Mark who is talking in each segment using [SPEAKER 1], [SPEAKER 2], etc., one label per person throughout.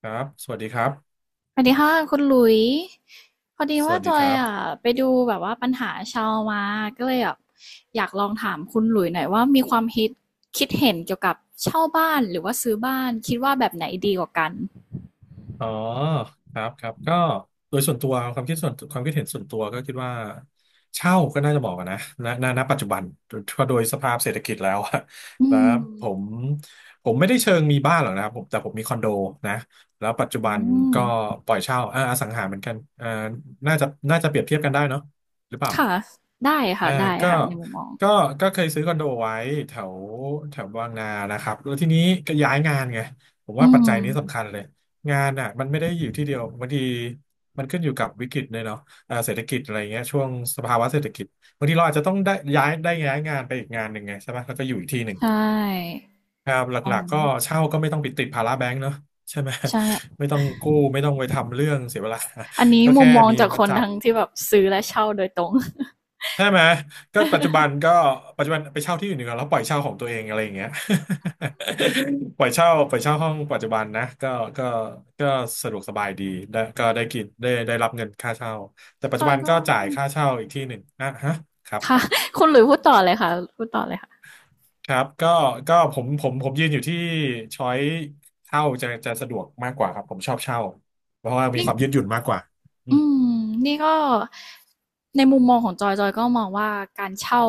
[SPEAKER 1] ครับสวัสดีครับ
[SPEAKER 2] สวัสดีค่ะคุณหลุยพอดี
[SPEAKER 1] ส
[SPEAKER 2] ว่า
[SPEAKER 1] วัส
[SPEAKER 2] จ
[SPEAKER 1] ดี
[SPEAKER 2] อ
[SPEAKER 1] ค
[SPEAKER 2] ย
[SPEAKER 1] รั
[SPEAKER 2] อ่ะ
[SPEAKER 1] บ
[SPEAKER 2] ไปดูแบบว่าปัญหาชาวมาก็เลยแบบอยากลองถามคุณหลุยหน่อยว่ามีความคิดเห็นเกี่ยวกับเช่าบ้านหรือว่าซื้อบ้านคิดว่าแบบไหนดีกว่ากัน
[SPEAKER 1] อ๋อครับครับก็โดยส่วนตัวความคิดเห็นส่วนตัวก็คิดว่าเช่าก็น่าจะเหมาะกันนะณปัจจุบันถ้าโดยสภาพเศรษฐกิจแล้วอะ
[SPEAKER 2] อื
[SPEAKER 1] แล้ว
[SPEAKER 2] ม
[SPEAKER 1] ผมผมไม่ได้เชิงมีบ้านหรอกนะครับผมแต่ผมมีคอนโดนะแล้วปัจจุ
[SPEAKER 2] อื
[SPEAKER 1] บัน
[SPEAKER 2] ม
[SPEAKER 1] ก็ปล่อยเช่าอสังหาเหมือนกันอ่าน่าจะเปรียบเทียบกันได้เนาะหรือเปล่า
[SPEAKER 2] ค่ะได้ค่ะ
[SPEAKER 1] อ่า
[SPEAKER 2] ได้
[SPEAKER 1] ก็
[SPEAKER 2] ค่ะในมุมมอง
[SPEAKER 1] ก็ก็เคยซื้อคอนโดไว้แถวแถวบางนานะครับแล้วทีนี้ก็ย้ายงานไงผมว่า
[SPEAKER 2] อื
[SPEAKER 1] ปัจจัย
[SPEAKER 2] ม
[SPEAKER 1] นี้สำคัญเลยงานอ่ะมันไม่ได้อยู่ที่เดียวบางทีมันขึ้นอยู่กับวิกฤตเลยเนาะเศรษฐกิจอะไรเงี้ยช่วงสภาวะเศรษฐกิจบางทีเราอาจจะต้องได้ย้ายงานไปอีกงานหนึ่งไงใช่ไหมแล้วก็อยู่อีกที่หนึ่ง
[SPEAKER 2] ใช่
[SPEAKER 1] ครับห
[SPEAKER 2] อื
[SPEAKER 1] ลั
[SPEAKER 2] ม
[SPEAKER 1] กๆก็เช่าก็ไม่ต้องไปติดภาระแบงก์เนาะใช่ไหม
[SPEAKER 2] ใช่
[SPEAKER 1] ไม่ต้องกู้ไม่ต้องไปทำเรื่องเสียเวลา
[SPEAKER 2] อันนี้
[SPEAKER 1] ก็
[SPEAKER 2] มุ
[SPEAKER 1] แค่
[SPEAKER 2] มมอง
[SPEAKER 1] มี
[SPEAKER 2] จากค
[SPEAKER 1] มา
[SPEAKER 2] น
[SPEAKER 1] จับ
[SPEAKER 2] ทั้งที่แบบซื้อและเช่าโดยตรง
[SPEAKER 1] ใช่ไหมก็ปัจจุบันก็ ปัจจุบันไปเช่าที่อยู่หนึ่งแล้วปล่อยเช่าของตัวเองอะไรอย่างเงี้ย
[SPEAKER 2] อืม
[SPEAKER 1] ปล่อยเช่าห้องปัจจุบันนะก็ก็สะดวกสบายดีได้ก็ได้กินได้รับเงินค่าเช่าแต่ปัจ
[SPEAKER 2] จ
[SPEAKER 1] จุ
[SPEAKER 2] อย
[SPEAKER 1] บัน
[SPEAKER 2] ก็
[SPEAKER 1] ก็จ่ายค่าเช่าอีกที่หนึ่งอ่ะฮะครับค
[SPEAKER 2] ค่ะ
[SPEAKER 1] รับ
[SPEAKER 2] คุณหลุยพูดต่อเลยค่ะพูดต่อเลยค่ะ
[SPEAKER 1] ครับก็ผมยืนอยู่ที่ช้อยเช่าจะสะดวกมากกว่าครับผมชอบเช่าเพราะว่ามี
[SPEAKER 2] นี่
[SPEAKER 1] ความยืดหยุ่นมากกว่าอื
[SPEAKER 2] อื
[SPEAKER 1] ม
[SPEAKER 2] มนี่ก็ในมุมมองของจอยก็มองว่าการเช่า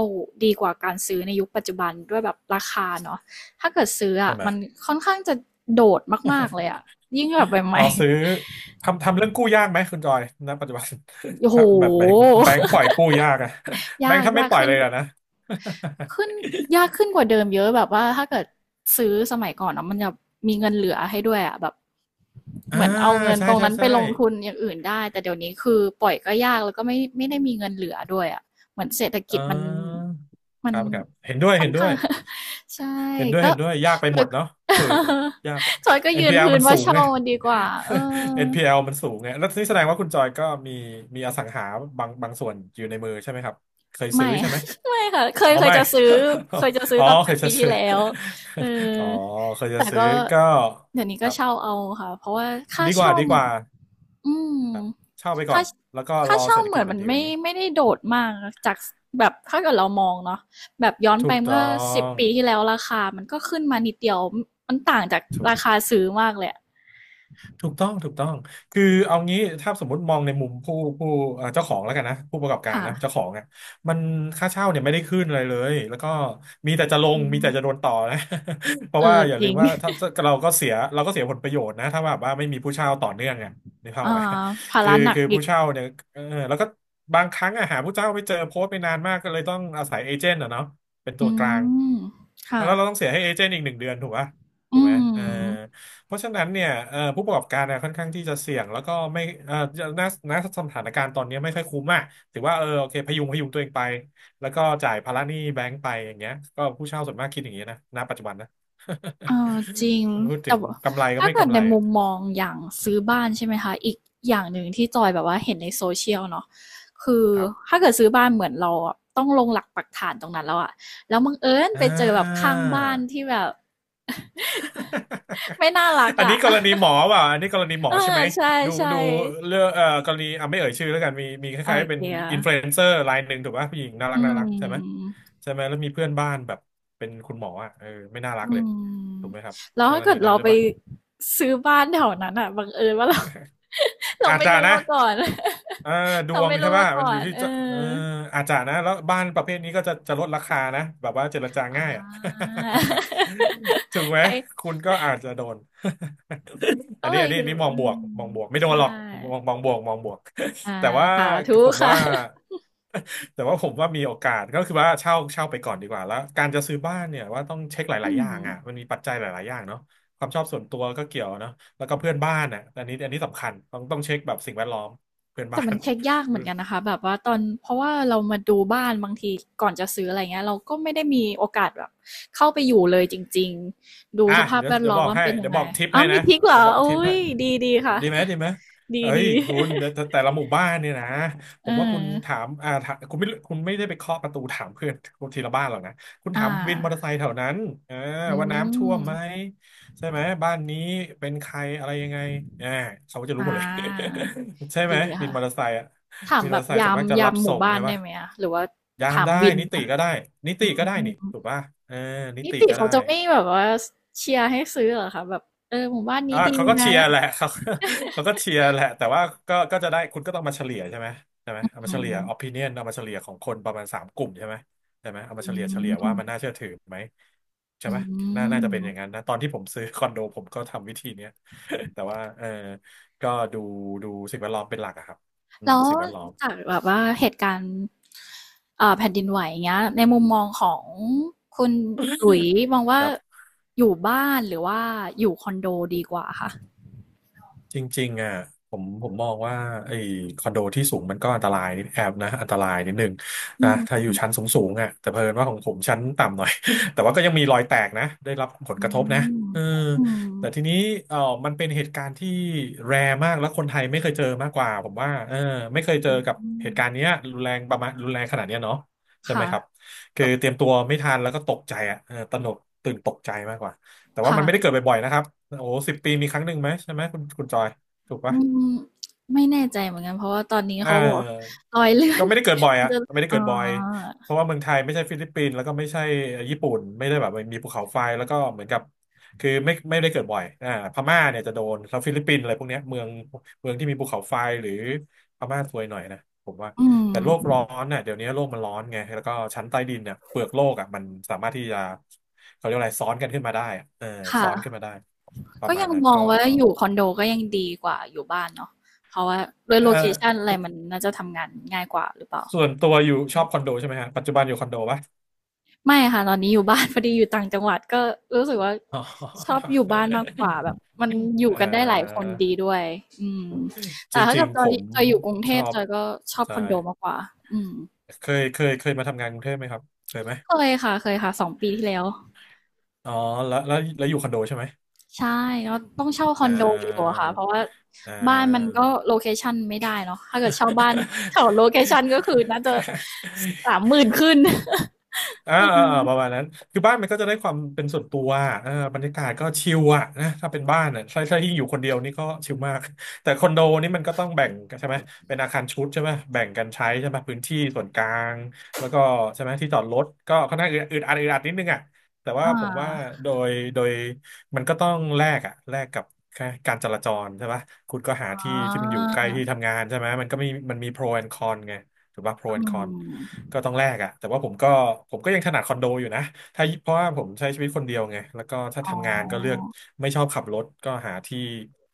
[SPEAKER 2] ดีกว่าการซื้อในยุคปัจจุบันด้วยแบบราคาเนาะถ้าเกิดซื้อ
[SPEAKER 1] ใช่
[SPEAKER 2] อ่ะ
[SPEAKER 1] ไหม
[SPEAKER 2] มันค่อนข้างจะโดดมากๆเลยอ่ะยิ่งแบบให
[SPEAKER 1] อ๋อ
[SPEAKER 2] ม่
[SPEAKER 1] ซื้อทำเรื่องกู้ยากไหมคุณจอยณปัจจุบัน
[SPEAKER 2] ๆโอ้ โห
[SPEAKER 1] ถ้าแบบแบ งค์แบงค์ปล่อยกู้ยากอะ แบ
[SPEAKER 2] ยา
[SPEAKER 1] งค์
[SPEAKER 2] ก
[SPEAKER 1] ถ้าไม่
[SPEAKER 2] ยาก
[SPEAKER 1] ปล่อย
[SPEAKER 2] ขึ้น
[SPEAKER 1] เลยอะนะ
[SPEAKER 2] ขึ้นยากขึ้นกว่าเดิมเยอะแบบว่าถ้าเกิดซื้อสมัยก่อนเนาะมันจะมีเงินเหลือให้ด้วยอะแบบ
[SPEAKER 1] อ่า
[SPEAKER 2] เหมือนเอาเงิน
[SPEAKER 1] ใช่
[SPEAKER 2] ตรง
[SPEAKER 1] ใช่
[SPEAKER 2] นั้นไป
[SPEAKER 1] ใช่
[SPEAKER 2] ลงทุนอย่างอื่นได้แต่เดี๋ยวนี้คือปล่อยก็ยากแล้วก็ไม่ได้มีเงินเหลือด้วยอะเหมือนเศรษฐกิ
[SPEAKER 1] อ่
[SPEAKER 2] จมัน
[SPEAKER 1] าค
[SPEAKER 2] มัน
[SPEAKER 1] รับครับเห็นด้วย
[SPEAKER 2] ค่อ
[SPEAKER 1] เห็
[SPEAKER 2] น
[SPEAKER 1] นด้ว
[SPEAKER 2] ข้า
[SPEAKER 1] ย
[SPEAKER 2] งใช่
[SPEAKER 1] เห็นด้วย
[SPEAKER 2] ก็
[SPEAKER 1] เห็นด้วยยากไปหม
[SPEAKER 2] แล้ว
[SPEAKER 1] ดเนาะฝืดอะยากอะ
[SPEAKER 2] จอยก็
[SPEAKER 1] เอ็น
[SPEAKER 2] ยื
[SPEAKER 1] พี
[SPEAKER 2] น
[SPEAKER 1] แอล
[SPEAKER 2] พื้น
[SPEAKER 1] มัน
[SPEAKER 2] ว่า
[SPEAKER 1] สูง
[SPEAKER 2] เช่า
[SPEAKER 1] ไง
[SPEAKER 2] มันดีกว่าเออ
[SPEAKER 1] เอ็นพีแ p l มันสูงไงแล้วนี่แสดงว่าคุณจอยก็มีอสังหาบางส่วนอยู่ในมือใช่ไหมครับเคยซื้
[SPEAKER 2] ไม่
[SPEAKER 1] อใช่ไหม
[SPEAKER 2] ไม่ค่ะเค
[SPEAKER 1] อ๋
[SPEAKER 2] ย
[SPEAKER 1] อ
[SPEAKER 2] เคย
[SPEAKER 1] ไม่
[SPEAKER 2] จะซื้อเคยจะซื้อ
[SPEAKER 1] อ๋อ
[SPEAKER 2] ตอน
[SPEAKER 1] เค
[SPEAKER 2] 8ป
[SPEAKER 1] ย
[SPEAKER 2] ด
[SPEAKER 1] จะ
[SPEAKER 2] ปีที่
[SPEAKER 1] ซื้อ
[SPEAKER 2] แล้วเออ
[SPEAKER 1] อ๋อเคยจะ
[SPEAKER 2] แต่
[SPEAKER 1] ซื้อ
[SPEAKER 2] ก็
[SPEAKER 1] ก็
[SPEAKER 2] เดี๋ยวนี้
[SPEAKER 1] ค
[SPEAKER 2] ก็
[SPEAKER 1] รั
[SPEAKER 2] เช่า
[SPEAKER 1] บ
[SPEAKER 2] เอาค่ะเพราะว่าค่า
[SPEAKER 1] ดีกว่า
[SPEAKER 2] เช่า
[SPEAKER 1] ดีกว่า
[SPEAKER 2] อืม
[SPEAKER 1] ครับเช่าไปก่อ
[SPEAKER 2] ค่า
[SPEAKER 1] นแล้วก็ร
[SPEAKER 2] ค่า
[SPEAKER 1] อ
[SPEAKER 2] เช่า
[SPEAKER 1] เศรษฐ
[SPEAKER 2] เห
[SPEAKER 1] กิ
[SPEAKER 2] มื
[SPEAKER 1] จ
[SPEAKER 2] อน
[SPEAKER 1] มั
[SPEAKER 2] มั
[SPEAKER 1] น
[SPEAKER 2] น
[SPEAKER 1] ดีก
[SPEAKER 2] ไม่
[SPEAKER 1] ว่านี้
[SPEAKER 2] ไม่ได้โดดมากจากแบบถ้าเกิดเรามองเนาะแบบย้อน
[SPEAKER 1] ถู
[SPEAKER 2] ไป
[SPEAKER 1] กต้
[SPEAKER 2] เมื่
[SPEAKER 1] อ
[SPEAKER 2] อสิบ
[SPEAKER 1] ง
[SPEAKER 2] ปีที่แล้วราคามันก็ขึ้นมานิดเดียวมันต่างจาก
[SPEAKER 1] ถูก
[SPEAKER 2] ราคาซื้อมากเลยอะ
[SPEAKER 1] ถูกต้องถูกต้องคือเอางี้ถ้าสมมติมองในมุมผู้เจ้าของแล้วกันนะผู้ประกอบการ
[SPEAKER 2] ค่ะ
[SPEAKER 1] นะเจ้าของอ่ะมันค่าเช่าเนี่ยไม่ได้ขึ้นอะไรเลยแล้วก็มีแต่จะลง
[SPEAKER 2] อื
[SPEAKER 1] มี
[SPEAKER 2] ม
[SPEAKER 1] แต่จะโดนต่อนะ เพ
[SPEAKER 2] เอ
[SPEAKER 1] ราะว่า
[SPEAKER 2] อ
[SPEAKER 1] อย่า
[SPEAKER 2] จ
[SPEAKER 1] ลื
[SPEAKER 2] ริ
[SPEAKER 1] ม
[SPEAKER 2] ง
[SPEAKER 1] ว่าถ้า เราก็เสียผลประโยชน์นะถ้าแบบว่าไม่มีผู้เช่าต่อเนื่องอ่ะนึกภาพ
[SPEAKER 2] อ่
[SPEAKER 1] ไหม
[SPEAKER 2] าภา
[SPEAKER 1] คือ
[SPEAKER 2] ระหนัก
[SPEAKER 1] คือ
[SPEAKER 2] อี
[SPEAKER 1] ผู้
[SPEAKER 2] ก
[SPEAKER 1] เช่าเนี่ยเออแล้วก็บางครั้งอะหาผู้เช่าไม่เจอโพสต์ไปนานมากก็เลยต้องอาศัยเอเจนต์อะเนาะเป็นตั
[SPEAKER 2] อื
[SPEAKER 1] วกลาง
[SPEAKER 2] ม
[SPEAKER 1] แล้
[SPEAKER 2] ค่ะ
[SPEAKER 1] วเราต้องเสียให้เอเจนต์อีก1 เดือนถูกปะถู
[SPEAKER 2] อื
[SPEAKER 1] กไหมเออ
[SPEAKER 2] ม
[SPEAKER 1] เพราะฉะนั้นเนี่ยผู้ประกอบการเนี่ยค่อนข้างที่จะเสี่ยงแล้วก็ไม่ณณสถานการณ์ตอนนี้ไม่ค่อยคุ้มอ่ะถือว่าเออโอเคพยุงพยุงตัวเองไปแล้วก็จ่ายภาระหนี้แบงก์ไปอย่างเงี้ยก็ผู้เช่าส่วนมากคิดอย่างเงี้ยนะณปัจจุบันนะ
[SPEAKER 2] เออจริง
[SPEAKER 1] พูดถึ
[SPEAKER 2] แต่
[SPEAKER 1] ง
[SPEAKER 2] ว่า
[SPEAKER 1] กำไรก็
[SPEAKER 2] ถ้า
[SPEAKER 1] ไม่
[SPEAKER 2] เกิด
[SPEAKER 1] กำ
[SPEAKER 2] ใน
[SPEAKER 1] ไร
[SPEAKER 2] มุ
[SPEAKER 1] อะ
[SPEAKER 2] มมองอย่างซื้อบ้านใช่ไหมคะอีกอย่างหนึ่งที่จอยแบบว่าเห็นในโซเชียลเนาะคือ
[SPEAKER 1] ครับ
[SPEAKER 2] ถ้าเกิดซื้อบ้านเหมือนเราอะต้องลงหลักปักฐานตรงนั้นแล้วอะแล้วบังเอิญ
[SPEAKER 1] อ่
[SPEAKER 2] ไปเจอแบบ
[SPEAKER 1] า
[SPEAKER 2] ข้างบ้านที่แบบ ไม่น่ารักอะ
[SPEAKER 1] อันนี้กรณีหม
[SPEAKER 2] เอ
[SPEAKER 1] อ
[SPEAKER 2] อ
[SPEAKER 1] ใช่ไหม
[SPEAKER 2] ใ
[SPEAKER 1] ดู
[SPEAKER 2] ช่
[SPEAKER 1] ดูเรื่องกรณีอ่ะไม่เอ่ยชื่อแล้วกันมีค
[SPEAKER 2] ๆอ่
[SPEAKER 1] ล้าย
[SPEAKER 2] โอ
[SPEAKER 1] ๆเป็น
[SPEAKER 2] เก็
[SPEAKER 1] อินฟลูเอ
[SPEAKER 2] ต
[SPEAKER 1] นเซอร์รายหนึ่งถูกป่ะผู้หญิงน่ารั
[SPEAKER 2] อื
[SPEAKER 1] กน่ารักใช่ไหม
[SPEAKER 2] ม
[SPEAKER 1] แล้วมีเพื่อนบ้านแบบเป็นคุณหมออ่ะเออไม่น่ารั
[SPEAKER 2] อื
[SPEAKER 1] กเลย
[SPEAKER 2] ม
[SPEAKER 1] ถูกไหมครับ
[SPEAKER 2] แล้ว
[SPEAKER 1] ก
[SPEAKER 2] ถ้า
[SPEAKER 1] ร
[SPEAKER 2] เกิ
[SPEAKER 1] ณี
[SPEAKER 2] ด
[SPEAKER 1] นั้
[SPEAKER 2] เรา
[SPEAKER 1] นหรือ
[SPEAKER 2] ไป
[SPEAKER 1] เปล่า
[SPEAKER 2] ซื้อบ้านแถวนั้นอ่ะบังเอิญว่าเรา เรา
[SPEAKER 1] อาจ
[SPEAKER 2] ไม่
[SPEAKER 1] จะ
[SPEAKER 2] รู้
[SPEAKER 1] นะ
[SPEAKER 2] มาก่อน
[SPEAKER 1] เออ ด
[SPEAKER 2] เรา
[SPEAKER 1] วง
[SPEAKER 2] ไม่
[SPEAKER 1] ใช่
[SPEAKER 2] รู้
[SPEAKER 1] ป่ะ
[SPEAKER 2] มาก่
[SPEAKER 1] มั
[SPEAKER 2] อ
[SPEAKER 1] นอยู่
[SPEAKER 2] น
[SPEAKER 1] ที่
[SPEAKER 2] เออ
[SPEAKER 1] จะเอออาจจะนะแล้วบ้านประเภทนี้ก็จะลดราคานะแบบว่าเจรจา
[SPEAKER 2] อ่า
[SPEAKER 1] ง่ายอ่ะ ถูกไห ม
[SPEAKER 2] ใคร
[SPEAKER 1] คุณก็อาจจะโดน
[SPEAKER 2] ก็เลยคิ
[SPEAKER 1] อั
[SPEAKER 2] ด
[SPEAKER 1] นนี้
[SPEAKER 2] ว่า
[SPEAKER 1] มอง
[SPEAKER 2] อื
[SPEAKER 1] บวกม
[SPEAKER 2] ม
[SPEAKER 1] องบวกไม่โด
[SPEAKER 2] ใช
[SPEAKER 1] นหรอก
[SPEAKER 2] ่
[SPEAKER 1] มองบวกมองบวก
[SPEAKER 2] อ่า
[SPEAKER 1] แต่ว่า
[SPEAKER 2] สาธุ
[SPEAKER 1] ผม
[SPEAKER 2] ค่ะ
[SPEAKER 1] ว่า แต่ว่าผมว่ามีโอกาสก็คือว่าเช่าไปก่อนดีกว่าแล้วการจะซื้อบ้านเนี่ยว่าต้องเช็คห
[SPEAKER 2] อื
[SPEAKER 1] ลายๆอย่า
[SPEAKER 2] ม
[SPEAKER 1] งอ่ะมันมีปัจจัยหลายๆอย่างเนาะความชอบส่วนตัวก็เกี่ยวเนาะแล้วก็เพื่อนบ้านอ่ะอันนี้อันนี้สำคัญต้องเช็คแบบสิ่งแวดล้อมเพื่อน
[SPEAKER 2] แต่
[SPEAKER 1] บ้า
[SPEAKER 2] มัน
[SPEAKER 1] น
[SPEAKER 2] เช็กยากเหมือนกันนะคะแบบว่าตอนเพราะว่าเรามาดูบ้านบางทีก่อนจะซื้ออะไรเงี้ยเราก็ไม่ได้มีโอกาสแบบเข้าไปอยู่เลยจริงๆดู
[SPEAKER 1] อ่ะ
[SPEAKER 2] สภาพ
[SPEAKER 1] เดี๋ยว
[SPEAKER 2] แวด
[SPEAKER 1] เดี๋ย
[SPEAKER 2] ล้
[SPEAKER 1] ว
[SPEAKER 2] อม
[SPEAKER 1] บอก
[SPEAKER 2] ว่ามัน
[SPEAKER 1] ให้
[SPEAKER 2] เป็นยั
[SPEAKER 1] เดี๋ย
[SPEAKER 2] ง
[SPEAKER 1] ว
[SPEAKER 2] ไง
[SPEAKER 1] บอกทิป
[SPEAKER 2] อ้า
[SPEAKER 1] ให้
[SPEAKER 2] วมี
[SPEAKER 1] นะ
[SPEAKER 2] ทริกเหร
[SPEAKER 1] เดี๋ย
[SPEAKER 2] อ
[SPEAKER 1] วบอกทิป
[SPEAKER 2] อุ้
[SPEAKER 1] ให้
[SPEAKER 2] ยดีดีค่ะ
[SPEAKER 1] ดีไหมดีไหม
[SPEAKER 2] ดี
[SPEAKER 1] เอ้ย
[SPEAKER 2] ดี
[SPEAKER 1] คุณแต่ละหมู่บ้านเนี่ยนะผ
[SPEAKER 2] เออ
[SPEAKER 1] มว่าคุณถามคุณไม่ได้ไปเคาะประตูถามเพื่อนคนทีละบ้านหรอกนะคุณ
[SPEAKER 2] อ่
[SPEAKER 1] ถามวินมอเตอร์ไซ
[SPEAKER 2] า
[SPEAKER 1] ค์แถวนั้นเออ
[SPEAKER 2] อื
[SPEAKER 1] ว่า
[SPEAKER 2] ม
[SPEAKER 1] น้ำท่วมไหมใช่ไหมบ้านนี้เป็นใครอะไรยังไงอ่าเขาก็จะรู้
[SPEAKER 2] อ่
[SPEAKER 1] หมดเลย
[SPEAKER 2] า
[SPEAKER 1] ใช่ไหม
[SPEAKER 2] ดี
[SPEAKER 1] วิน
[SPEAKER 2] ค่ะ
[SPEAKER 1] มอเตอร์ไซค์อะ
[SPEAKER 2] ถาม
[SPEAKER 1] วินม
[SPEAKER 2] แบ
[SPEAKER 1] อเตอ
[SPEAKER 2] บ
[SPEAKER 1] ร์ไซค์ส่
[SPEAKER 2] ยา
[SPEAKER 1] วน
[SPEAKER 2] ม
[SPEAKER 1] มากจะ
[SPEAKER 2] ยา
[SPEAKER 1] รับ
[SPEAKER 2] มห
[SPEAKER 1] ส่
[SPEAKER 2] มู่
[SPEAKER 1] ง
[SPEAKER 2] บ้าน
[SPEAKER 1] ใช่
[SPEAKER 2] ได้
[SPEAKER 1] ปะ
[SPEAKER 2] ไหมอะหรือว่า
[SPEAKER 1] ยาม
[SPEAKER 2] ถาม
[SPEAKER 1] ได้
[SPEAKER 2] วิน
[SPEAKER 1] นิติ
[SPEAKER 2] นะ
[SPEAKER 1] ก็ได้นิ
[SPEAKER 2] อื
[SPEAKER 1] ติก็ได้
[SPEAKER 2] ม
[SPEAKER 1] นี่ถูกป่ะเออนิ
[SPEAKER 2] นิ
[SPEAKER 1] ติ
[SPEAKER 2] ติ
[SPEAKER 1] ก็
[SPEAKER 2] เขา
[SPEAKER 1] ได้
[SPEAKER 2] จะไม่แบบว่าสเชียร์ให้ซื้อเหรอคะแบบเออหมู่บ้านนี้
[SPEAKER 1] อ่า
[SPEAKER 2] ดี
[SPEAKER 1] เขาก็
[SPEAKER 2] นะ
[SPEAKER 1] เชียร์แหละ เขาเขาก็เชียร์แหละแต่ว่าก็จะได้คุณก็ต้องมาเฉลี่ยใช่ไหมใช่ไหมเอามาเฉลี่ย opinion เอามาเฉลี่ยของคนประมาณสามกลุ่มใช่ไหมใช่ไหมเอามา
[SPEAKER 2] อื
[SPEAKER 1] เฉลี่ยว่า
[SPEAKER 2] ม
[SPEAKER 1] มันน่าเชื่อถือไหมใช่
[SPEAKER 2] อื
[SPEAKER 1] ไหมน่าจะเป็น
[SPEAKER 2] ม
[SPEAKER 1] อย่างนั้นนะตอนที่ผมซื้อคอนโดผมก็ทำวิธีเนี้ยแต่ว่าก็ดูดูสิ่งแวดล้อมเป็นหลักอะครับอืม
[SPEAKER 2] แล้ว
[SPEAKER 1] สิ่งแวดล้อม
[SPEAKER 2] จากแบบว่าเหตุการณ์แผ่นดินไหวอย่างเงี้ยในมุมมองของคุณหลุยส์มองว่า
[SPEAKER 1] ครับ
[SPEAKER 2] อยู่บ้านหรือว่าอยู่คอนโดดีกว่าคะ
[SPEAKER 1] จริงๆอ่ะผมมองว่าไอ้คอนโดที่สูงมันก็อันตรายนิดแอบนะอันตรายนิดนึง
[SPEAKER 2] อื
[SPEAKER 1] นะ
[SPEAKER 2] ม
[SPEAKER 1] ถ้าอยู่ชั้นสูงๆอ่ะแต่เพอินว่าของผมชั้นต่ำหน่อย แต่ว่าก็ยังมีรอยแตกนะได้รับผล
[SPEAKER 2] อื
[SPEAKER 1] กระทบนะ
[SPEAKER 2] ม
[SPEAKER 1] เออ
[SPEAKER 2] อืม
[SPEAKER 1] แต่ทีนี้เออมันเป็นเหตุการณ์ที่แรร์มากแล้วคนไทยไม่เคยเจอมากกว่าผมว่าเออไม่เคยเจอ
[SPEAKER 2] อื
[SPEAKER 1] กับเห
[SPEAKER 2] ม
[SPEAKER 1] ตุการณ์เนี้ยรุนแรงประมาณรุนแรงขนาดเนี้ยเนาะใช่ไหม
[SPEAKER 2] ค่ะ
[SPEAKER 1] ครับคื
[SPEAKER 2] ก็
[SPEAKER 1] อเตรียมตัวไม่ทันแล้วก็ตกใจอ่ะเออตระหนกตื่นตกใจมากกว่า แต่ว่า
[SPEAKER 2] ค่ะ
[SPEAKER 1] มันไม่ได้เกิดบ่อยๆนะครับ โอ้ สิบปีมีครั้งหนึ่งไหมใช่ไหมคุณจอย ถูก
[SPEAKER 2] อื
[SPEAKER 1] ปะ
[SPEAKER 2] มไม่แน่ใจเหมือนกันเพราะว่าตอนนี้
[SPEAKER 1] เ
[SPEAKER 2] เขาบอก
[SPEAKER 1] ออ
[SPEAKER 2] รอยเลื่อ
[SPEAKER 1] ก็
[SPEAKER 2] น
[SPEAKER 1] ไม่ได้เกิดบ่อย
[SPEAKER 2] มัน
[SPEAKER 1] อะ
[SPEAKER 2] จะ
[SPEAKER 1] ไม่ได้
[SPEAKER 2] อ๋อ
[SPEAKER 1] เกิดบ่อยเพราะว่าเมืองไทยไม่ใช่ฟิลิปปินส์แล้วก็ไม่ใช่ญี่ปุ่นไม่ได้แบบมีภูเขาไฟแล้วก็เหมือนกับคือไม่ได้เกิดบ่อยอ่าพม่าเนี่ยจะโดนแล้วฟิลิปปินส์อะไรพวกเนี้ยเมืองที่มีภูเขาไฟหรือพม่าซวยหน่อยนะผมว่า
[SPEAKER 2] อื
[SPEAKER 1] แต่โลก
[SPEAKER 2] ม
[SPEAKER 1] ร้อนน่ะเดี๋ยวนี้โลกมันร้อนไงแล้วก็ชั้นใต้ดินเนี่ยเปลือกโลกอ่ะมันสามารถที่จะเขาเรียกอะไรซ้อนกันขึ้นมาได้อะเออ
[SPEAKER 2] ค
[SPEAKER 1] ซ้อนขึ้นมา
[SPEAKER 2] ่ะ
[SPEAKER 1] ได้ป
[SPEAKER 2] ก็
[SPEAKER 1] ระมาณ
[SPEAKER 2] ยัง
[SPEAKER 1] นั้น
[SPEAKER 2] มอง
[SPEAKER 1] ก็
[SPEAKER 2] ว่า
[SPEAKER 1] ก็
[SPEAKER 2] อยู่คอนโดก็ยังดีกว่าอยู่บ้านเนาะเพราะว่าด้วย
[SPEAKER 1] เออ
[SPEAKER 2] โลเคชันอะ
[SPEAKER 1] ส
[SPEAKER 2] ไรมันน่าจะทำงานง่ายกว่าหรือเปล่า
[SPEAKER 1] ส่วนตัวอยู่ชอบคอนโดใช่ไหมฮะปัจจุบันอยู่คอนโดปะ
[SPEAKER 2] ไม่ค่ะตอนนี้อยู่บ้าน พอดีอยู่ต่างจังหวัดก็รู้สึกว่า
[SPEAKER 1] อ๋
[SPEAKER 2] ชอบ
[SPEAKER 1] อ
[SPEAKER 2] อยู่บ้านมากกว่าแบบมันอ
[SPEAKER 1] เอ่
[SPEAKER 2] ยู่กันได้หลายค
[SPEAKER 1] อ
[SPEAKER 2] นดีด้วยอืม
[SPEAKER 1] จ
[SPEAKER 2] แต่ถ้า
[SPEAKER 1] ริ
[SPEAKER 2] เกิ
[SPEAKER 1] ง
[SPEAKER 2] ดจ
[SPEAKER 1] ๆผ
[SPEAKER 2] อย
[SPEAKER 1] ม
[SPEAKER 2] จอยอยู่กรุงเท
[SPEAKER 1] ชอ
[SPEAKER 2] พ
[SPEAKER 1] บ
[SPEAKER 2] จอยก็ชอบค
[SPEAKER 1] ใช่
[SPEAKER 2] อนโดมากกว่าอืม
[SPEAKER 1] เคยมาทำงานกรุงเทพไหมครับเคยไหม
[SPEAKER 2] เคยค่ะเคยค่ะ2 ปีที่แล้ว
[SPEAKER 1] อ๋อแล้วอยู่คอนโดใช่ไหม
[SPEAKER 2] ใช่เราต้องเช่าคอ
[SPEAKER 1] อ่
[SPEAKER 2] นโดอยู่
[SPEAKER 1] า
[SPEAKER 2] อะค่ะเพราะว่า
[SPEAKER 1] อ่
[SPEAKER 2] บ้านมัน
[SPEAKER 1] า
[SPEAKER 2] ก็โลเคชันไม่ได้เนาะถ้าเกิดเช่าบ้านแถวโลเคชันก็คือน่าจะ30,000ขึ้น
[SPEAKER 1] อ่าประมาณนั้นคือบ้านมันก็จะได้ความเป็นส่วนตัวเออบรรยากาศก็ชิลอะนะถ้าเป็นบ้านอ่ะใช่ใช่ยิ่งอยู่คนเดียวนี่ก็ชิลมาก แต่คอนโดนี่มันก็ต้องแบ่งกันใช่ไหมเป็นอาคารชุดใช่ไหมแบ่งกันใช้ใช่ไหมพื้นที่ส่วนกลางแล้วก็ใช่ไหมที่จอดรถก็ค่อนข้างอึดอัดอึดอัดนิดนึงอะแต่
[SPEAKER 2] อ
[SPEAKER 1] ว่าผมว่า
[SPEAKER 2] า
[SPEAKER 1] โดยมันก็ต้องแลกอะแลกกับแค่การจราจรใช่ปะคุณก็หา
[SPEAKER 2] อ๋
[SPEAKER 1] ที่
[SPEAKER 2] อ
[SPEAKER 1] ที่มันอยู่ใกล้ที่ทำงานใช่ไหมมันก็มันมีโปรแอนคอนไง ถูกป่ะ pro
[SPEAKER 2] อื
[SPEAKER 1] and con
[SPEAKER 2] ม
[SPEAKER 1] ก็ต้องแลกอะแต่ว่าผมก็ยังถนัดคอนโดอยู่นะถ้าเพราะว่าผมใช้ชีวิตคนเดียวไงแล้วก็ถ้า
[SPEAKER 2] อ๋
[SPEAKER 1] ทำงานก็เลือก
[SPEAKER 2] อ
[SPEAKER 1] ไม่ชอบขับรถก็หาที่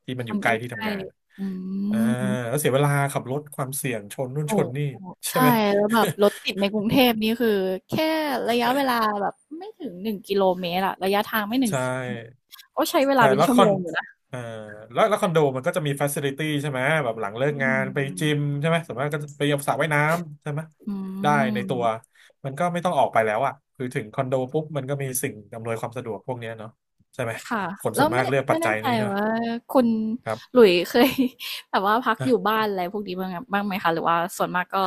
[SPEAKER 1] ที่มันอ
[SPEAKER 2] มั
[SPEAKER 1] ยู่
[SPEAKER 2] น
[SPEAKER 1] ใก
[SPEAKER 2] ใก
[SPEAKER 1] ล้ที่
[SPEAKER 2] ล้
[SPEAKER 1] ทำงาน
[SPEAKER 2] ๆอื
[SPEAKER 1] อ่า
[SPEAKER 2] ม
[SPEAKER 1] แล้วเสียเวลาขับรถความเสี่ยงชนนู่น
[SPEAKER 2] โอ้
[SPEAKER 1] ชนนี่ใช่
[SPEAKER 2] ใช่
[SPEAKER 1] ไหม
[SPEAKER 2] แล้วแบบรถติดในกรุงเทพนี่คือแค่ระยะเวลาแบบไม่ถึง1กิโลเมตรอะระยะทางไม่ 1
[SPEAKER 1] ใช่
[SPEAKER 2] ก็ใช้เวลา
[SPEAKER 1] ใช่
[SPEAKER 2] เป็น
[SPEAKER 1] แล้ว
[SPEAKER 2] ชั่
[SPEAKER 1] ค
[SPEAKER 2] ว
[SPEAKER 1] อ
[SPEAKER 2] โม
[SPEAKER 1] น
[SPEAKER 2] งอยู่นะ
[SPEAKER 1] เอ่อแล้วคอนโดมันก็จะมีฟ a ซิลิตี้ใช่ไหมแบบหลังเลิ
[SPEAKER 2] อื
[SPEAKER 1] กงานไปจิม
[SPEAKER 2] ม
[SPEAKER 1] ใช่ไหมสมมติก็จะไปสระว่ายน้ำใช่ไหม
[SPEAKER 2] อื
[SPEAKER 1] ได้ในตัว
[SPEAKER 2] ม
[SPEAKER 1] มันก็ไม่ต้องออกไปแล้วอ่ะคือถึงคอนโดปุ๊บมันก็มีสิ่งอำนวยความสะดวกพวกเนี้ยเนาะใช่ไหม
[SPEAKER 2] ค่ะ
[SPEAKER 1] คน
[SPEAKER 2] แล้
[SPEAKER 1] ส่
[SPEAKER 2] ว
[SPEAKER 1] วนมา
[SPEAKER 2] ไม่
[SPEAKER 1] กเลือกปั
[SPEAKER 2] ไม่
[SPEAKER 1] จจั
[SPEAKER 2] แน่
[SPEAKER 1] ย
[SPEAKER 2] ใจ
[SPEAKER 1] นี้ใช่ไหม
[SPEAKER 2] ว่าคุณ
[SPEAKER 1] ค
[SPEAKER 2] ห
[SPEAKER 1] รั
[SPEAKER 2] ลุยส์เคย แบบว่าพักอ
[SPEAKER 1] บ
[SPEAKER 2] ยู่บ้านอะไรพวกนี้บ้างอะบ้างไหมคะหรือว่าส่วนมากก็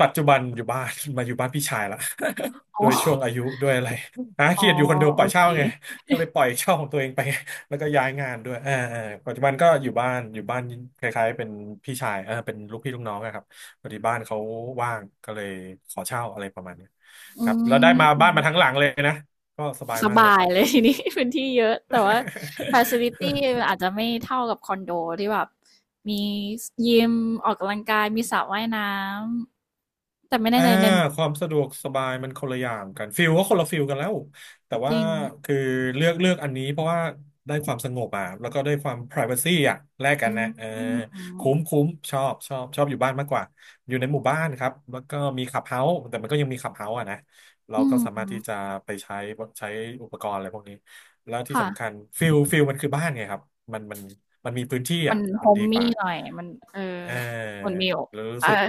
[SPEAKER 1] ปัจจุบันอยู่บ้าน มาอยู่บ้านพี่ชายละ
[SPEAKER 2] อ๋
[SPEAKER 1] โดยช่วง
[SPEAKER 2] อ
[SPEAKER 1] อายุด้วยอะไรหา
[SPEAKER 2] อ๋อ
[SPEAKER 1] เกียดอยู่คอนโดป
[SPEAKER 2] โอ
[SPEAKER 1] ล่อย
[SPEAKER 2] เค
[SPEAKER 1] เช่าไงก็เลยปล่อยเช่าของตัวเองไป แล้วก็ย้ายงานด้วยอ่าปัจจุบันก็อยู่บ้านอยู่บ้านคล้ายๆเป็นพี่ชายเออเป็นลูกพี่ลูกน้องอะครับพอดีบ้านเขาว่างก็เลยขอเช่าอะไรประมาณนี้ค
[SPEAKER 2] อื
[SPEAKER 1] รับแล้วได้มาบ้า
[SPEAKER 2] ม
[SPEAKER 1] นมาทั้งหลังเลยนะก็สบาย
[SPEAKER 2] ส
[SPEAKER 1] มากเลย
[SPEAKER 2] บายเลยทีนี้ พื้นที่เยอะแต่ว่าฟัซิลิตี้ อาจจะไม่เท่ากับคอนโดที่แบบมียิมออกกำลังกายมีสระว่ายน้ำแต่ไม่แน่
[SPEAKER 1] อ่า
[SPEAKER 2] ใจใน
[SPEAKER 1] ความสะดวกสบายมันคนละอย่างกันฟิลก็คนละฟิลกันแล้วแต่
[SPEAKER 2] จ
[SPEAKER 1] ว่า
[SPEAKER 2] ริง
[SPEAKER 1] คือเลือกอันนี้เพราะว่าได้ความสงบอ่ะแล้วก็ได้ความ privacy อ่ะแลกกั
[SPEAKER 2] อื
[SPEAKER 1] นนะ
[SPEAKER 2] ม
[SPEAKER 1] เออคุ้มชอบชอบอยู่บ้านมากกว่าอยู่ในหมู่บ้านครับแล้วก็มีคลับเฮาส์แต่มันก็ยังมีคลับเฮาส์อ่ะนะเรา
[SPEAKER 2] อื
[SPEAKER 1] ก็สามารถ
[SPEAKER 2] ม
[SPEAKER 1] ที่จะไปใช้อุปกรณ์อะไรพวกนี้แล้วที่
[SPEAKER 2] ค่ะ
[SPEAKER 1] สำคัญฟิลมันคือบ้านไงครับมันมันมันมีพื้นที่
[SPEAKER 2] มัน
[SPEAKER 1] อ่ะ
[SPEAKER 2] h
[SPEAKER 1] มัน
[SPEAKER 2] o
[SPEAKER 1] ดี
[SPEAKER 2] m
[SPEAKER 1] ก
[SPEAKER 2] e ่
[SPEAKER 1] ว่า
[SPEAKER 2] หน่อยมันเออ
[SPEAKER 1] เอ
[SPEAKER 2] มัน
[SPEAKER 1] อ
[SPEAKER 2] มี
[SPEAKER 1] แล้วรู้
[SPEAKER 2] อ่
[SPEAKER 1] สึก
[SPEAKER 2] อ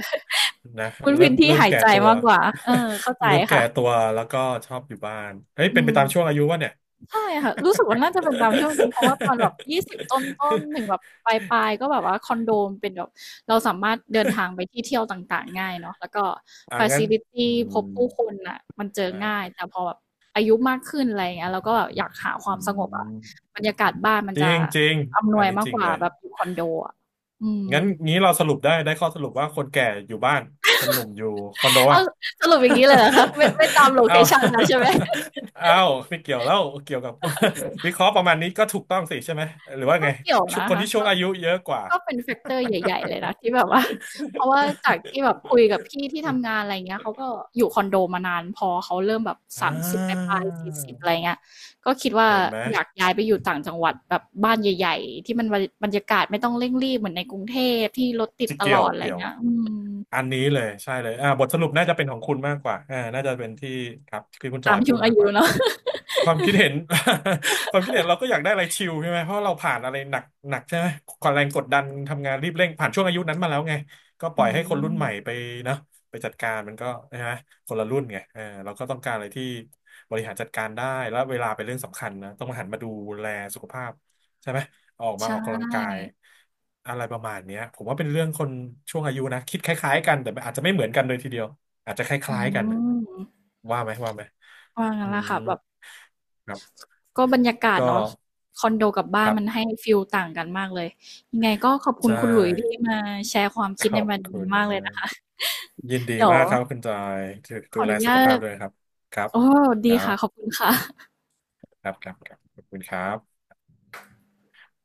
[SPEAKER 1] นะ
[SPEAKER 2] พื้น
[SPEAKER 1] เริ่
[SPEAKER 2] พื้
[SPEAKER 1] ม
[SPEAKER 2] นที่
[SPEAKER 1] เริ่ม
[SPEAKER 2] หาย
[SPEAKER 1] แก่
[SPEAKER 2] ใจ
[SPEAKER 1] ตัว
[SPEAKER 2] มากกว่าเออเข้าใจ
[SPEAKER 1] เริ่มแก่
[SPEAKER 2] ค่ะ
[SPEAKER 1] ตัวแล้วก็ชอบอยู่บ้านเฮ้ย
[SPEAKER 2] อื
[SPEAKER 1] เป็นไป
[SPEAKER 2] ม
[SPEAKER 1] ตามช่วงอายุวะเนี่ย
[SPEAKER 2] ใช่ค่ะรู้สึกว่าน่าจะเป็นตามที่มันดูเพราะว่าตอนแบบ20ต้นๆถึง แบบปลายๆก็แบบว่าคอนโดมันเป็นแบบเราสามารถเดินทางไปที่เที่ยวต่างๆง่ายเนาะแล้วก็
[SPEAKER 1] อ่ะ
[SPEAKER 2] ฟั
[SPEAKER 1] งั้
[SPEAKER 2] ซิ
[SPEAKER 1] น
[SPEAKER 2] ลิตี
[SPEAKER 1] อื
[SPEAKER 2] พ
[SPEAKER 1] ม
[SPEAKER 2] บผู้คนน่ะมันเจอ
[SPEAKER 1] อ่
[SPEAKER 2] ง่าย
[SPEAKER 1] า
[SPEAKER 2] แต่พอแบบอายุมากขึ้นอะไรอย่างเงี้ยเราก็แบบอยากหาควา
[SPEAKER 1] อื
[SPEAKER 2] มสงบอะ
[SPEAKER 1] ม
[SPEAKER 2] บรรยากาศบ้านมัน
[SPEAKER 1] จริ
[SPEAKER 2] จะ
[SPEAKER 1] งจริง
[SPEAKER 2] อำน
[SPEAKER 1] อั
[SPEAKER 2] ว
[SPEAKER 1] น
[SPEAKER 2] ย
[SPEAKER 1] นี้
[SPEAKER 2] มาก
[SPEAKER 1] จริ
[SPEAKER 2] ก
[SPEAKER 1] ง
[SPEAKER 2] ว่า
[SPEAKER 1] เลย
[SPEAKER 2] แบบอยู่คอนโดอะอืม
[SPEAKER 1] งั้นงี้เราสรุปได้ข้อสรุปว่าคนแก่อยู่บ้านคนหนุ่มอยู่คอนโด
[SPEAKER 2] เอา
[SPEAKER 1] อ่ะ
[SPEAKER 2] สรุปอย่างนี้เลยเหรอคะไม่ไม่ตามโล เค
[SPEAKER 1] เอา
[SPEAKER 2] ชันแล้วใช่ไหม
[SPEAKER 1] เอาไม่เกี่ยวแล้วเกี่ยวกับ วิเคราะห์ประมาณนี้ก็ถูกต้องสิใช่ไหมหรือว่า
[SPEAKER 2] ก็
[SPEAKER 1] ไง
[SPEAKER 2] เกี่ยว
[SPEAKER 1] ชุ
[SPEAKER 2] นะ
[SPEAKER 1] คน
[SPEAKER 2] คะ
[SPEAKER 1] ที่ช่ว
[SPEAKER 2] ก็
[SPEAKER 1] งอายุเยอะกว่า
[SPEAKER 2] ก็เป็นแฟกเตอร์ใหญ่ๆเลยนะที่แบบว่าเพราะว่าจากที่แบบคุยกับพี่ที่ทำงานอะไรเงี้ยเขาก็อยู่คอนโดมานานพอเขาเริ่มแบบ
[SPEAKER 1] อ่
[SPEAKER 2] 30ปลา
[SPEAKER 1] า
[SPEAKER 2] ยๆิบอะไรเงี้ยก็คิดว่า
[SPEAKER 1] เห็นไหม
[SPEAKER 2] อยากย้ายไปอยู่ต่างจังหวัดแบบบ้านใหญ่ๆที่มันบรรยากาศไม่ต้องเร่งรีบเหมือนในกรุงเทพที่รถติด
[SPEAKER 1] จิ
[SPEAKER 2] ต
[SPEAKER 1] เกี่
[SPEAKER 2] ล
[SPEAKER 1] ยว
[SPEAKER 2] อดอะไร
[SPEAKER 1] เกี่ยว
[SPEAKER 2] เงี้ยอืม
[SPEAKER 1] อันนี้เลยใช่เลยอ่าบทสรุปน่าจะเป็นของคุณมากกว่าอ่าน่าจะเป็นที่ครับที่คุณจ
[SPEAKER 2] ตา
[SPEAKER 1] อ
[SPEAKER 2] ม
[SPEAKER 1] ยพู
[SPEAKER 2] ช่ว
[SPEAKER 1] ด
[SPEAKER 2] งอา
[SPEAKER 1] มากก
[SPEAKER 2] ยุ
[SPEAKER 1] ว่า
[SPEAKER 2] เนาะ
[SPEAKER 1] ความคิดเห็น ความคิดเห็นเราก็อยากได้อะไรชิลใช่ไหมเพราะเราผ่านอะไรหนักใช่ไหมความแรงกดดันทำงานรีบเร่งผ่านช่วงอายุนั้นมาแล้วไงก็ ป
[SPEAKER 2] อื
[SPEAKER 1] ล่อยให้คนรุ่น
[SPEAKER 2] ม
[SPEAKER 1] ใหม่ไปเนาะไปจัดการมันก็ใช่ไหมคนละรุ่นไงเออเราก็ต้องการอะไรที่บริหารจัดการได้แล้วเวลาเป็นเรื่องสำคัญนะต้องหันมาดูแลสุขภาพใช่ไหมออกมา
[SPEAKER 2] ใช่
[SPEAKER 1] ออกกำลังกายอะไรประมาณเนี้ยผมว่าเป็นเรื่องคนช่วงอายุนะคิดคล้ายๆกันแต่อาจจะไม่เหมือนกันเลยทีเดียวอาจจะค
[SPEAKER 2] อื
[SPEAKER 1] ล้ายๆกันนะ
[SPEAKER 2] ม
[SPEAKER 1] ว่าไหมว่าไหม
[SPEAKER 2] ว่างั้
[SPEAKER 1] อื
[SPEAKER 2] นแหละ
[SPEAKER 1] ม
[SPEAKER 2] ค่ะแบบ
[SPEAKER 1] ครับ
[SPEAKER 2] ก็บรรยากาศ
[SPEAKER 1] ก็
[SPEAKER 2] เนาะคอนโดกับบ้า
[SPEAKER 1] ค
[SPEAKER 2] น
[SPEAKER 1] รับ
[SPEAKER 2] มันให้ฟีลต่างกันมากเลยยังไงก็ขอบคุณ
[SPEAKER 1] ใช่
[SPEAKER 2] คุณหลุยส์ที่มาแชร์ความ
[SPEAKER 1] ข
[SPEAKER 2] คิด
[SPEAKER 1] อ
[SPEAKER 2] ใน
[SPEAKER 1] บ
[SPEAKER 2] วัน
[SPEAKER 1] คุ
[SPEAKER 2] นี้
[SPEAKER 1] ณ
[SPEAKER 2] มากเลย
[SPEAKER 1] มา
[SPEAKER 2] นะ
[SPEAKER 1] ก
[SPEAKER 2] คะ
[SPEAKER 1] ยินดี
[SPEAKER 2] เดี๋ยว
[SPEAKER 1] มากครับคุณจอยดู
[SPEAKER 2] ข
[SPEAKER 1] ดู
[SPEAKER 2] ออ
[SPEAKER 1] แล
[SPEAKER 2] นุ
[SPEAKER 1] สุข
[SPEAKER 2] ญา
[SPEAKER 1] ภาพ
[SPEAKER 2] ต
[SPEAKER 1] ด้วยนะครับครับ
[SPEAKER 2] โอ้
[SPEAKER 1] ค
[SPEAKER 2] ดี
[SPEAKER 1] รั
[SPEAKER 2] ค่ะ
[SPEAKER 1] บ
[SPEAKER 2] ขอบคุณค่ะ
[SPEAKER 1] ครับ ครับ ครับ ขอบคุณครับ